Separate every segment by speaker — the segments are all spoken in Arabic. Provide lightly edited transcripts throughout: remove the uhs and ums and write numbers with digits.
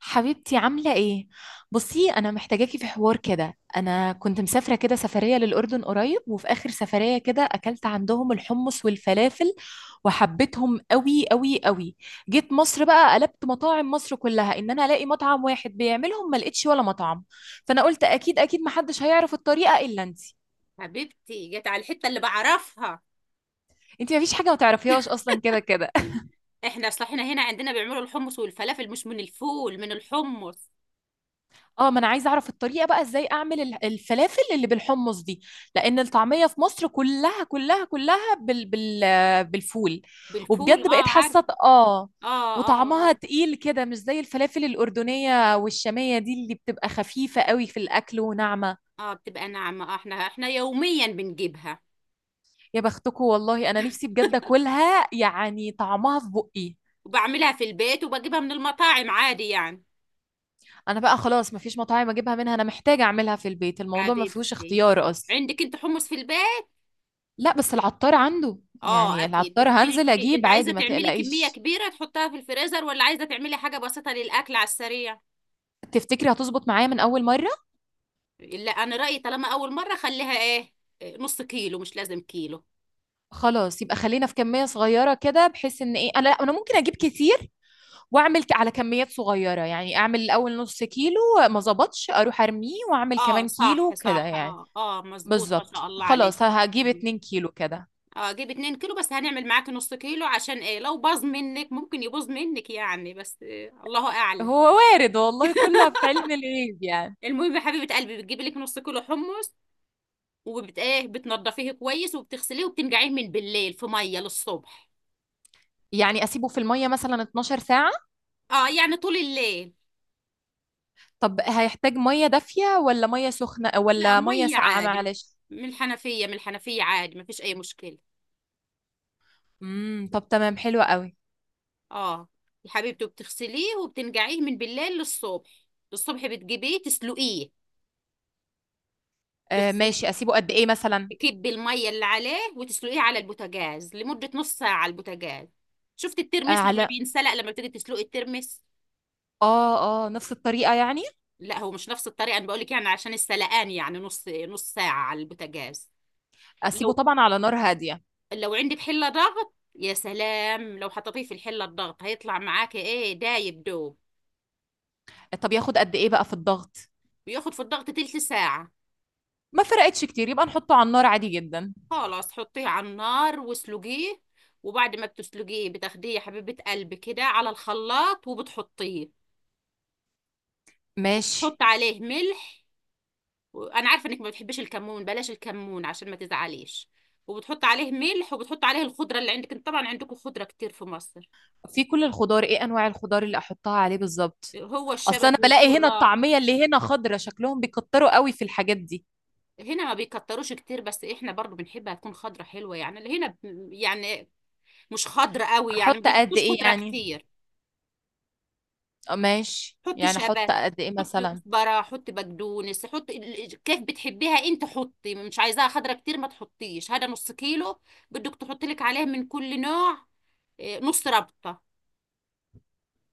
Speaker 1: حبيبتي عاملة ايه؟ بصي انا محتاجاكي في حوار كده. انا كنت مسافرة كده سفرية للأردن قريب، وفي آخر سفرية كده اكلت عندهم الحمص والفلافل وحبيتهم قوي قوي قوي. جيت مصر بقى قلبت مطاعم مصر كلها ان انا الاقي مطعم واحد بيعملهم، ما لقيتش ولا مطعم. فانا قلت اكيد محدش هيعرف الطريقة الا انتي.
Speaker 2: حبيبتي جت على الحتة اللي بعرفها.
Speaker 1: انتي مفيش حاجة ما تعرفيهاش اصلا كده كده.
Speaker 2: احنا اصل احنا هنا عندنا بيعملوا الحمص والفلافل، مش من الفول، من الحمص.
Speaker 1: اه، ما انا عايزه اعرف الطريقه بقى ازاي اعمل الفلافل اللي بالحمص دي. لان الطعميه في مصر كلها كلها كلها بالفول.
Speaker 2: بالفول،
Speaker 1: وبجد بقيت
Speaker 2: اه، عارف.
Speaker 1: حاسه اه.
Speaker 2: اه اه
Speaker 1: وطعمها
Speaker 2: اه،
Speaker 1: تقيل كده، مش زي الفلافل الاردنيه والشاميه دي اللي بتبقى خفيفه قوي في الاكل وناعمه.
Speaker 2: اه بتبقى ناعمة. اه، احنا يوميا بنجيبها
Speaker 1: يا بختكم والله، انا نفسي بجد اكلها يعني طعمها في بقي.
Speaker 2: وبعملها في البيت وبجيبها من المطاعم عادي يعني.
Speaker 1: انا بقى خلاص مفيش مطاعم اجيبها منها، انا محتاجه اعملها في البيت، الموضوع ما فيهوش
Speaker 2: حبيبتي،
Speaker 1: اختيار اصلا.
Speaker 2: عندك انت حمص في البيت؟
Speaker 1: لا بس العطار عنده،
Speaker 2: اه،
Speaker 1: يعني
Speaker 2: اكيد
Speaker 1: العطار
Speaker 2: بتجيبي
Speaker 1: هنزل
Speaker 2: لك. إيه؟ انت
Speaker 1: اجيب
Speaker 2: عايزة
Speaker 1: عادي ما
Speaker 2: تعملي كمية
Speaker 1: تقلقيش.
Speaker 2: كبيرة تحطها في الفريزر ولا عايزة تعملي حاجة بسيطة للأكل على السريع؟
Speaker 1: تفتكري هتظبط معايا من اول مره؟
Speaker 2: لا، انا رأيي طالما اول مرة خليها ايه، نص كيلو، مش لازم كيلو.
Speaker 1: خلاص يبقى خلينا في كميه صغيره كده، بحيث ان ايه، انا لا ممكن اجيب كتير واعمل على كميات صغيره، يعني اعمل الاول نص كيلو، ما ظبطش اروح ارميه واعمل
Speaker 2: اه،
Speaker 1: كمان كيلو
Speaker 2: صح
Speaker 1: كده
Speaker 2: صح،
Speaker 1: يعني.
Speaker 2: اه اه، مظبوط، ما
Speaker 1: بالظبط،
Speaker 2: شاء الله عليك.
Speaker 1: خلاص هجيب اتنين كيلو كده.
Speaker 2: اه، جيب 2 كيلو، بس هنعمل معاك نص كيلو، عشان ايه، لو باظ منك ممكن يبوظ منك يعني، بس آه، الله اعلم.
Speaker 1: هو وارد والله، كله في علم الغيب يعني.
Speaker 2: المهم يا حبيبة قلبي، بتجيبي لك نص كيلو حمص، وبت ايه بتنضفيه كويس وبتغسليه وبتنقعيه من بالليل في مية للصبح.
Speaker 1: يعني اسيبه في الميه مثلا 12 ساعه؟
Speaker 2: اه يعني طول الليل.
Speaker 1: طب هيحتاج ميه دافيه ولا ميه سخنه
Speaker 2: لا،
Speaker 1: ولا ميه
Speaker 2: مية
Speaker 1: ساقعه؟
Speaker 2: عادي،
Speaker 1: معلش.
Speaker 2: من الحنفية عادي، ما فيش اي مشكلة.
Speaker 1: طب تمام، حلو قوي.
Speaker 2: اه، يا حبيبتي بتغسليه وبتنقعيه من بالليل للصبح، الصبح بتجيبيه تسلقيه.
Speaker 1: آه
Speaker 2: تغسل،
Speaker 1: ماشي، اسيبه قد ايه مثلا؟
Speaker 2: تكبي الميه اللي عليه وتسلقيه على البوتاجاز لمده نص ساعه على البوتاجاز. شفت
Speaker 1: آه،
Speaker 2: الترمس لما
Speaker 1: على؟
Speaker 2: بينسلق، لما بتيجي تسلقي الترمس.
Speaker 1: اه اه، نفس الطريقه يعني.
Speaker 2: لا، هو مش نفس الطريقه، انا بقول لك يعني عشان السلقان، يعني نص ساعه على البوتاجاز.
Speaker 1: اسيبه
Speaker 2: لو
Speaker 1: طبعا على نار هاديه.
Speaker 2: لو عندك حله ضغط، يا سلام، لو حطيتيه في الحله الضغط هيطلع معاكي ايه، دايب دوب.
Speaker 1: طب ياخد قد ايه بقى في الضغط؟
Speaker 2: بياخد في الضغط تلت ساعه.
Speaker 1: ما فرقتش كتير، يبقى نحطه على النار عادي جدا.
Speaker 2: خلاص حطيه على النار واسلقيه. وبعد ما بتسلقيه بتاخديه يا حبيبه قلبي كده على الخلاط، وبتحطيه
Speaker 1: ماشي.
Speaker 2: وتحط عليه ملح. وانا عارفه انك ما بتحبيش الكمون، بلاش الكمون عشان ما تزعليش. وبتحط عليه ملح وبتحط عليه الخضره اللي عندك. انت طبعا عندكم خضره كتير في مصر،
Speaker 1: في كل الخضار، ايه انواع الخضار اللي احطها عليه بالظبط؟
Speaker 2: هو
Speaker 1: اصل انا
Speaker 2: الشبت
Speaker 1: بلاقي هنا
Speaker 2: والكرات.
Speaker 1: الطعميه اللي هنا خضره، شكلهم بيكتروا قوي في الحاجات دي.
Speaker 2: هنا ما بيكتروش كتير، بس احنا برضو بنحبها تكون خضره حلوه، يعني اللي هنا ب- يعني مش خضره قوي، يعني ما
Speaker 1: احط قد
Speaker 2: بيحطوش
Speaker 1: ايه
Speaker 2: خضره
Speaker 1: يعني؟
Speaker 2: كتير.
Speaker 1: آه، ماشي،
Speaker 2: حط
Speaker 1: يعني احط
Speaker 2: شبت،
Speaker 1: قد ايه
Speaker 2: حط
Speaker 1: مثلا؟
Speaker 2: كزبره، حط بقدونس، كيف بتحبيها انت، حطي مش عايزاها خضره كتير، ما تحطيش، هذا نص كيلو، بدك تحطي لك عليه من كل نوع. إيه، نص ربطة.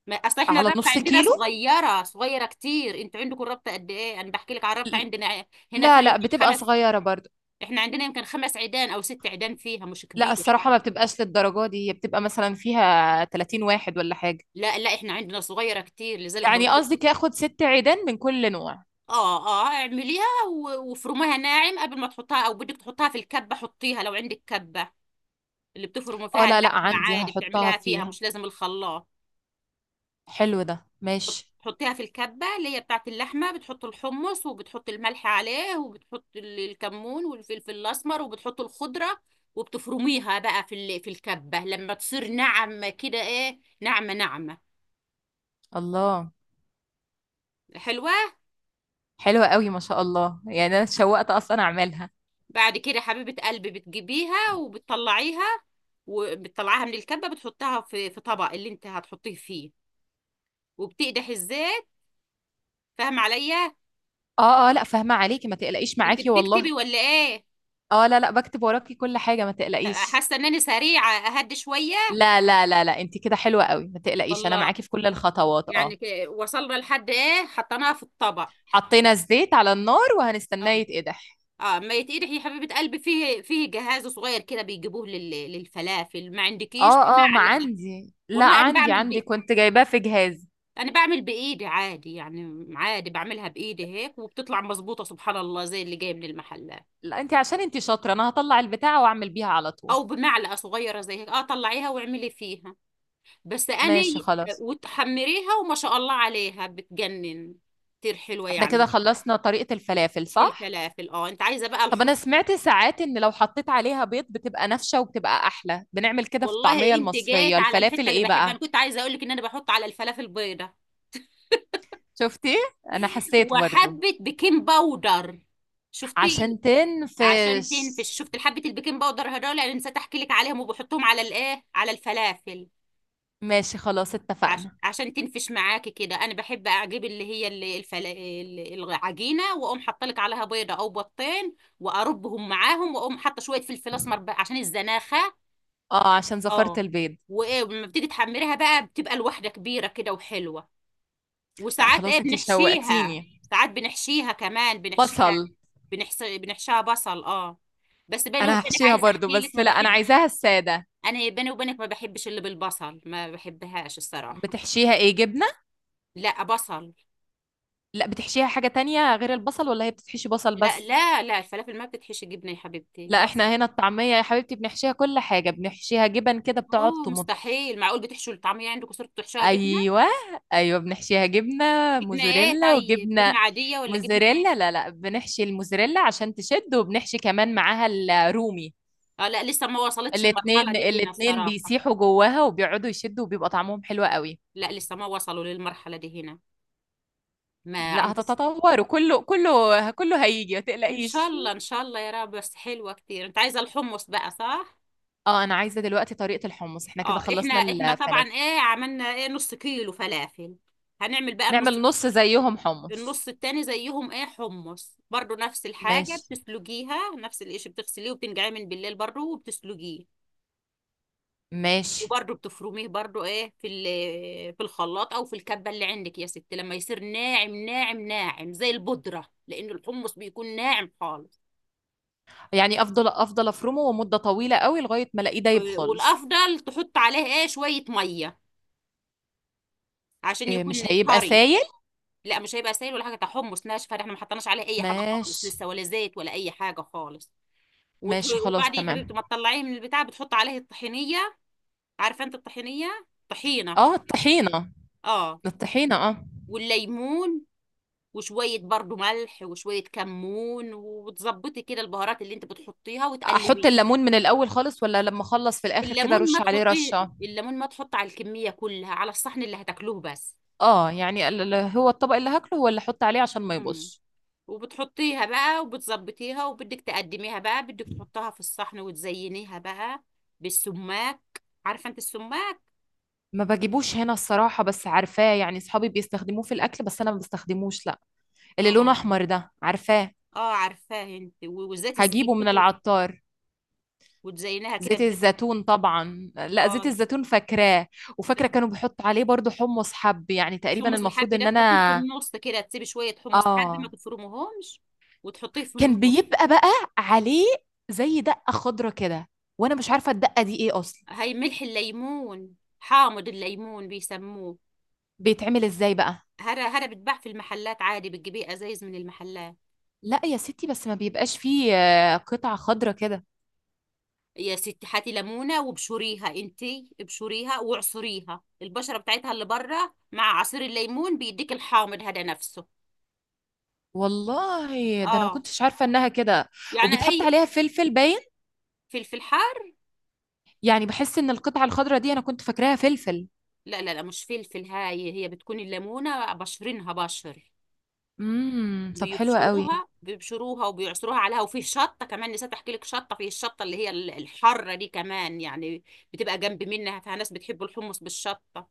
Speaker 2: ما اصل احنا
Speaker 1: على
Speaker 2: الربطة
Speaker 1: نص
Speaker 2: عندنا
Speaker 1: كيلو.
Speaker 2: صغيرة، صغيرة كتير، انتوا عندكم الربطة قد ايه؟ انا بحكي لك على الربطة عندنا، هنا فيها
Speaker 1: لا لا،
Speaker 2: يمكن
Speaker 1: بتبقى
Speaker 2: خمس.
Speaker 1: صغيره برضه.
Speaker 2: احنا عندنا يمكن خمس عيدان او ست عيدان، فيها مش
Speaker 1: لا
Speaker 2: كبيرة.
Speaker 1: الصراحة ما بتبقاش للدرجة دي، هي بتبقى مثلا فيها 30 واحد ولا حاجة.
Speaker 2: لا لا، احنا عندنا صغيرة كتير، لذلك
Speaker 1: يعني
Speaker 2: بقول لك.
Speaker 1: قصدك ياخد ست عيدان من كل نوع؟
Speaker 2: اه اه، اعمليها وافرميها ناعم قبل ما تحطها، او بدك تحطها في الكبة، حطيها لو عندك كبة، اللي بتفرموا
Speaker 1: اه
Speaker 2: فيها
Speaker 1: لا لا،
Speaker 2: اللحمة
Speaker 1: عندي
Speaker 2: عادي
Speaker 1: هحطها
Speaker 2: بتعمليها فيها،
Speaker 1: فيها.
Speaker 2: مش لازم الخلاط.
Speaker 1: حلو ده، ماشي.
Speaker 2: تحطيها في الكبة اللي هي بتاعت اللحمة، بتحط الحمص وبتحط الملح عليه وبتحط الكمون والفلفل الأسمر وبتحط الخضرة، وبتفرميها بقى في الكبة، لما تصير ناعمة كده، ناعمة ناعمة
Speaker 1: الله.
Speaker 2: حلوة.
Speaker 1: حلوة قوي ما شاء الله، يعني انا اتشوقت اصلا اعملها.
Speaker 2: بعد كده حبيبة قلبي بتجيبيها وبتطلعيها، وبتطلعيها من الكبة، بتحطها في في طبق اللي انت هتحطيه فيه، وبتقدح الزيت. فاهم عليا؟
Speaker 1: اه اه لا، فاهمة عليكي ما تقلقيش
Speaker 2: انت
Speaker 1: معاكي والله.
Speaker 2: بتكتبي ولا ايه؟
Speaker 1: اه لا لا، بكتب وراكي كل حاجة ما تقلقيش.
Speaker 2: حاسة ان انا سريعة، اهدي شوية.
Speaker 1: لا لا لا لا، انت كده حلوة قوي ما تقلقيش، انا
Speaker 2: والله،
Speaker 1: معاكي في كل الخطوات
Speaker 2: يعني
Speaker 1: اه.
Speaker 2: وصلنا لحد ايه، حطيناها في الطبق.
Speaker 1: حطينا الزيت على النار وهنستناه
Speaker 2: اه
Speaker 1: يتقدح.
Speaker 2: اه، ما يتقدح يا حبيبه قلبي، فيه جهاز صغير كده بيجيبوه للفلافل، ما عندكيش
Speaker 1: اه اه، ما
Speaker 2: بمعلقه؟
Speaker 1: عندي، لا
Speaker 2: والله انا
Speaker 1: عندي
Speaker 2: بعمل
Speaker 1: عندي
Speaker 2: بي...
Speaker 1: كنت جايباه في جهاز.
Speaker 2: انا بعمل بايدي عادي يعني، عادي بعملها بايدي هيك وبتطلع مظبوطه سبحان الله زي اللي جايه من المحلات،
Speaker 1: لا انت عشان انت شاطرة، انا هطلع البتاعة واعمل بيها على طول.
Speaker 2: او بمعلقه صغيره زي هيك، اه، طلعيها واعملي فيها. بس انا
Speaker 1: ماشي
Speaker 2: ي-
Speaker 1: خلاص.
Speaker 2: وتحمريها وما شاء الله عليها، بتجنن، كتير حلوه
Speaker 1: احنا كده
Speaker 2: يعني.
Speaker 1: خلصنا طريقة الفلافل صح؟
Speaker 2: الفلافل، اه، انت عايزه بقى
Speaker 1: طب
Speaker 2: الحب.
Speaker 1: انا سمعت ساعات ان لو حطيت عليها بيض بتبقى نافشة وبتبقى احلى، بنعمل كده في
Speaker 2: والله
Speaker 1: الطعمية
Speaker 2: انت
Speaker 1: المصرية
Speaker 2: جيت على
Speaker 1: الفلافل
Speaker 2: الحته اللي
Speaker 1: ايه
Speaker 2: بحب، انا
Speaker 1: بقى؟
Speaker 2: كنت عايزه اقول لك ان انا بحط على الفلافل بيضه،
Speaker 1: شفتي؟ انا حسيت برضو.
Speaker 2: وحبه بيكنج باودر. شفتي؟
Speaker 1: عشان
Speaker 2: عشان
Speaker 1: تنفش.
Speaker 2: تنفش. شفت حبه البيكنج باودر هدول، انا نسيت احكي لك عليهم، وبحطهم على الايه، على الفلافل،
Speaker 1: ماشي خلاص اتفقنا.
Speaker 2: عشان تنفش معاكي كده. انا بحب اجيب اللي هي العجينه، واقوم حاطلك عليها بيضه او بيضتين واربهم معاهم، واقوم حاطه شويه فلفل اسمر بقى عشان الزناخه.
Speaker 1: اه عشان زفرت
Speaker 2: اه،
Speaker 1: البيض.
Speaker 2: وايه، لما بتيجي تحمريها بقى بتبقى الواحده كبيره كده وحلوه.
Speaker 1: لا
Speaker 2: وساعات ايه
Speaker 1: خلاص انت
Speaker 2: بنحشيها،
Speaker 1: شوقتيني.
Speaker 2: ساعات بنحشيها كمان، بنحشيها،
Speaker 1: بصل.
Speaker 2: بنحشيها بصل، اه. بس بيني
Speaker 1: انا
Speaker 2: وبينك
Speaker 1: هحشيها
Speaker 2: عايزه
Speaker 1: برضو،
Speaker 2: احكي لك،
Speaker 1: بس
Speaker 2: ما
Speaker 1: لا انا
Speaker 2: بحبش.
Speaker 1: عايزاها السادة.
Speaker 2: انا بيني وبينك ما بحبش اللي بالبصل، ما بحبهاش الصراحه.
Speaker 1: بتحشيها ايه؟ جبنة؟
Speaker 2: لا بصل.
Speaker 1: لا بتحشيها حاجة تانية غير البصل ولا هي بتحشي بصل
Speaker 2: لا
Speaker 1: بس؟
Speaker 2: لا لا، الفلافل ما بتتحشي جبنه يا حبيبتي،
Speaker 1: لا
Speaker 2: بصل.
Speaker 1: احنا هنا الطعمية يا حبيبتي بنحشيها كل حاجة، بنحشيها جبن كده بتقعد
Speaker 2: اوه،
Speaker 1: تمط.
Speaker 2: مستحيل، معقول بتحشوا الطعميه عندكم صرتوا بتحشوها جبنه؟
Speaker 1: ايوه. ايوه بنحشيها جبنة.
Speaker 2: جبنه ايه؟
Speaker 1: موزاريلا
Speaker 2: طيب
Speaker 1: وجبنة.
Speaker 2: جبنه عاديه ولا جبنه ايه؟
Speaker 1: موزاريلا، لا لا، بنحشي الموزاريلا عشان تشد، وبنحشي كمان معاها الرومي.
Speaker 2: اه، لا لسه ما وصلتش المرحله
Speaker 1: الاتنين
Speaker 2: دي هنا
Speaker 1: الاتنين
Speaker 2: الصراحه.
Speaker 1: بيسيحوا جواها وبيقعدوا يشدوا وبيبقى طعمهم حلو قوي.
Speaker 2: لا، لسه ما وصلوا للمرحله دي هنا، ما
Speaker 1: لا
Speaker 2: عمري.
Speaker 1: هتتطور، وكله كله كله هيجي ما
Speaker 2: ان شاء
Speaker 1: تقلقيش.
Speaker 2: الله ان شاء الله، يا رب. بس حلوه كتير. انت عايزه الحمص بقى، صح.
Speaker 1: اه انا عايزه دلوقتي طريقه الحمص، احنا كده
Speaker 2: اه، احنا
Speaker 1: خلصنا
Speaker 2: احنا
Speaker 1: الفلافل.
Speaker 2: طبعا ايه، عملنا ايه، نص كيلو فلافل، هنعمل بقى النص.
Speaker 1: نعمل نص زيهم حمص.
Speaker 2: النص التاني زيهم ايه، حمص برضو، نفس الحاجه
Speaker 1: ماشي.
Speaker 2: بتسلقيها، نفس الاشي بتغسليه وبتنقعيه من بالليل برضو وبتسلقيه.
Speaker 1: ماشي.
Speaker 2: وبرضو بتفرميه برضو ايه، في الخلاط او في الكبه اللي عندك يا ستي، لما يصير ناعم ناعم ناعم زي البودره، لان الحمص بيكون ناعم خالص.
Speaker 1: يعني افضل افرمه ومده طويله قوي لغايه ما الاقيه دايب
Speaker 2: آه،
Speaker 1: خالص.
Speaker 2: والافضل تحط عليه ايه شويه ميه عشان
Speaker 1: إيه،
Speaker 2: يكون
Speaker 1: مش هيبقى
Speaker 2: طري.
Speaker 1: سايل؟
Speaker 2: لا، مش هيبقى سائل ولا حاجه، ده حمص ناشفه، ده احنا ما حطيناش عليه اي حاجه خالص
Speaker 1: ماشي.
Speaker 2: لسه، ولا زيت ولا اي حاجه خالص.
Speaker 1: ماشي خلاص
Speaker 2: وبعدين يا حبيبتي
Speaker 1: تمام.
Speaker 2: ما تطلعيه من البتاع بتحط عليه الطحينيه، عارفه انت الطحينيه، طحينه،
Speaker 1: اه الطحينه.
Speaker 2: اه.
Speaker 1: الطحينه اه.
Speaker 2: والليمون وشويه برضو ملح وشويه كمون، وتظبطي كده البهارات اللي انت بتحطيها
Speaker 1: احط
Speaker 2: وتقلبيه.
Speaker 1: الليمون من الاول خالص ولا لما اخلص في الاخر كده
Speaker 2: الليمون ما
Speaker 1: ارش عليه
Speaker 2: تحطيه،
Speaker 1: رشه؟
Speaker 2: الليمون ما تحط على الكميه كلها، على الصحن اللي هتاكلوه بس.
Speaker 1: اه يعني هو الطبق اللي هاكله هو اللي احط عليه عشان ما
Speaker 2: مم.
Speaker 1: يبصش.
Speaker 2: وبتحطيها بقى وبتظبطيها، وبدك تقدميها بقى، بدك تحطها في الصحن وتزينيها بقى بالسماك. عارفة انت السماك؟
Speaker 1: ما بجيبوش هنا الصراحة، بس عارفاه يعني، صحابي بيستخدموه في الأكل بس أنا ما بستخدموش لا. اللي لونه
Speaker 2: اه
Speaker 1: احمر ده، عارفاه.
Speaker 2: اه عارفاه. انت وزيت
Speaker 1: هجيبه من
Speaker 2: الزيتون،
Speaker 1: العطار.
Speaker 2: وتزينها كده
Speaker 1: زيت
Speaker 2: بزيت.
Speaker 1: الزيتون طبعا، لا زيت
Speaker 2: اه،
Speaker 1: الزيتون فاكراه. وفاكره كانوا بيحطوا عليه برضو حمص حب، يعني تقريبا
Speaker 2: الحمص
Speaker 1: المفروض
Speaker 2: الحب ده
Speaker 1: ان
Speaker 2: تحطيه في
Speaker 1: انا
Speaker 2: النص كده، تسيبي شوية حمص حب ما
Speaker 1: اه.
Speaker 2: تفرمهمش، وتحطيه في
Speaker 1: كان
Speaker 2: النص.
Speaker 1: بيبقى بقى عليه زي دقه خضره كده، وانا مش عارفه الدقه دي ايه اصلا.
Speaker 2: هي ملح الليمون، حامض الليمون بيسموه،
Speaker 1: بيتعمل ازاي بقى؟
Speaker 2: هذا بيتباع في المحلات عادي، بتجيبيه ازايز من المحلات.
Speaker 1: لا يا ستي بس ما بيبقاش فيه قطع خضره كده.
Speaker 2: يا ستي هاتي ليمونه وابشريها انتي، ابشريها واعصريها البشره بتاعتها اللي بره مع عصير الليمون، بيديك الحامض هذا نفسه.
Speaker 1: والله ده انا ما
Speaker 2: اه،
Speaker 1: كنتش عارفه انها كده.
Speaker 2: يعني
Speaker 1: وبيتحط
Speaker 2: اي.
Speaker 1: عليها فلفل باين.
Speaker 2: فلفل حار؟
Speaker 1: يعني بحس ان القطعه الخضره دي انا كنت فاكراها فلفل.
Speaker 2: لا لا لا، مش فلفل، هاي هي بتكون الليمونه بشرينها بشر.
Speaker 1: طب حلو قوي.
Speaker 2: بيبشروها بيبشروها وبيعصروها عليها. وفي شطه كمان، نسيت احكي لك شطه، في الشطه اللي هي الحاره دي كمان يعني، بتبقى جنب منها فناس بتحب الحمص بالشطه.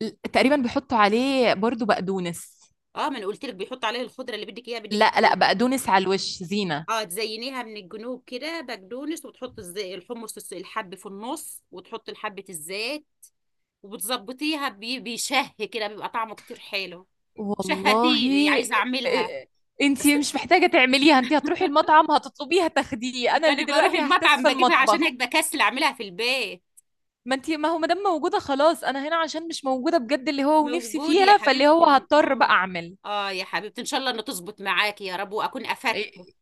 Speaker 1: تقريبا بيحطوا عليه برضو بقدونس.
Speaker 2: اه، ما انا قلت لك بيحط عليه الخضره اللي بدك اياها بدك.
Speaker 1: لا لا، بقدونس على الوش زينة.
Speaker 2: اه، تزينيها من الجنوب كده بقدونس، وتحط الحمص الحب في النص، وتحط حبة الزيت وبتظبطيها بيشه كده، بيبقى طعمه كتير حلو.
Speaker 1: والله.
Speaker 2: شهتيني عايزة اعملها.
Speaker 1: إيه-
Speaker 2: بس
Speaker 1: انتي مش محتاجة تعمليها، انتي هتروحي المطعم هتطلبيها تاخديه، انا اللي
Speaker 2: انا بروح
Speaker 1: دلوقتي هحتس
Speaker 2: المطعم
Speaker 1: في
Speaker 2: بجيبها، عشان هيك
Speaker 1: المطبخ.
Speaker 2: بكسل اعملها في البيت.
Speaker 1: ما انتي، ما هو ما دام موجودة خلاص، انا هنا عشان مش موجودة بجد اللي هو، ونفسي
Speaker 2: موجود يا
Speaker 1: فيها فاللي هو
Speaker 2: حبيبتي،
Speaker 1: هضطر بقى
Speaker 2: اه.
Speaker 1: اعمل.
Speaker 2: اه يا حبيبتي، ان شاء الله انه تظبط معاكي يا رب، واكون افدته.
Speaker 1: إيه-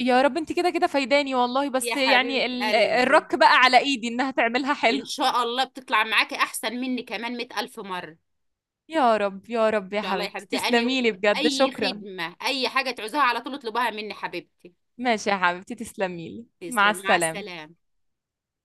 Speaker 1: يا رب، انتي كده كده فايداني والله،
Speaker 2: يا
Speaker 1: بس يعني
Speaker 2: حبيبة قلبي،
Speaker 1: الرك بقى على ايدي انها تعملها حلو.
Speaker 2: ان شاء الله بتطلع معاكي احسن مني كمان مئة الف مرة.
Speaker 1: يا رب يا رب، يا
Speaker 2: شاء الله يا
Speaker 1: حبيبتي
Speaker 2: حبيبتي، أني
Speaker 1: تسلميلي بجد،
Speaker 2: أي
Speaker 1: شكرا.
Speaker 2: خدمة، أي حاجة تعوزها على طول اطلبها مني حبيبتي.
Speaker 1: ماشي يا حبيبتي، تسلميلي، مع
Speaker 2: تسلم، مع
Speaker 1: السلامة.
Speaker 2: السلامة.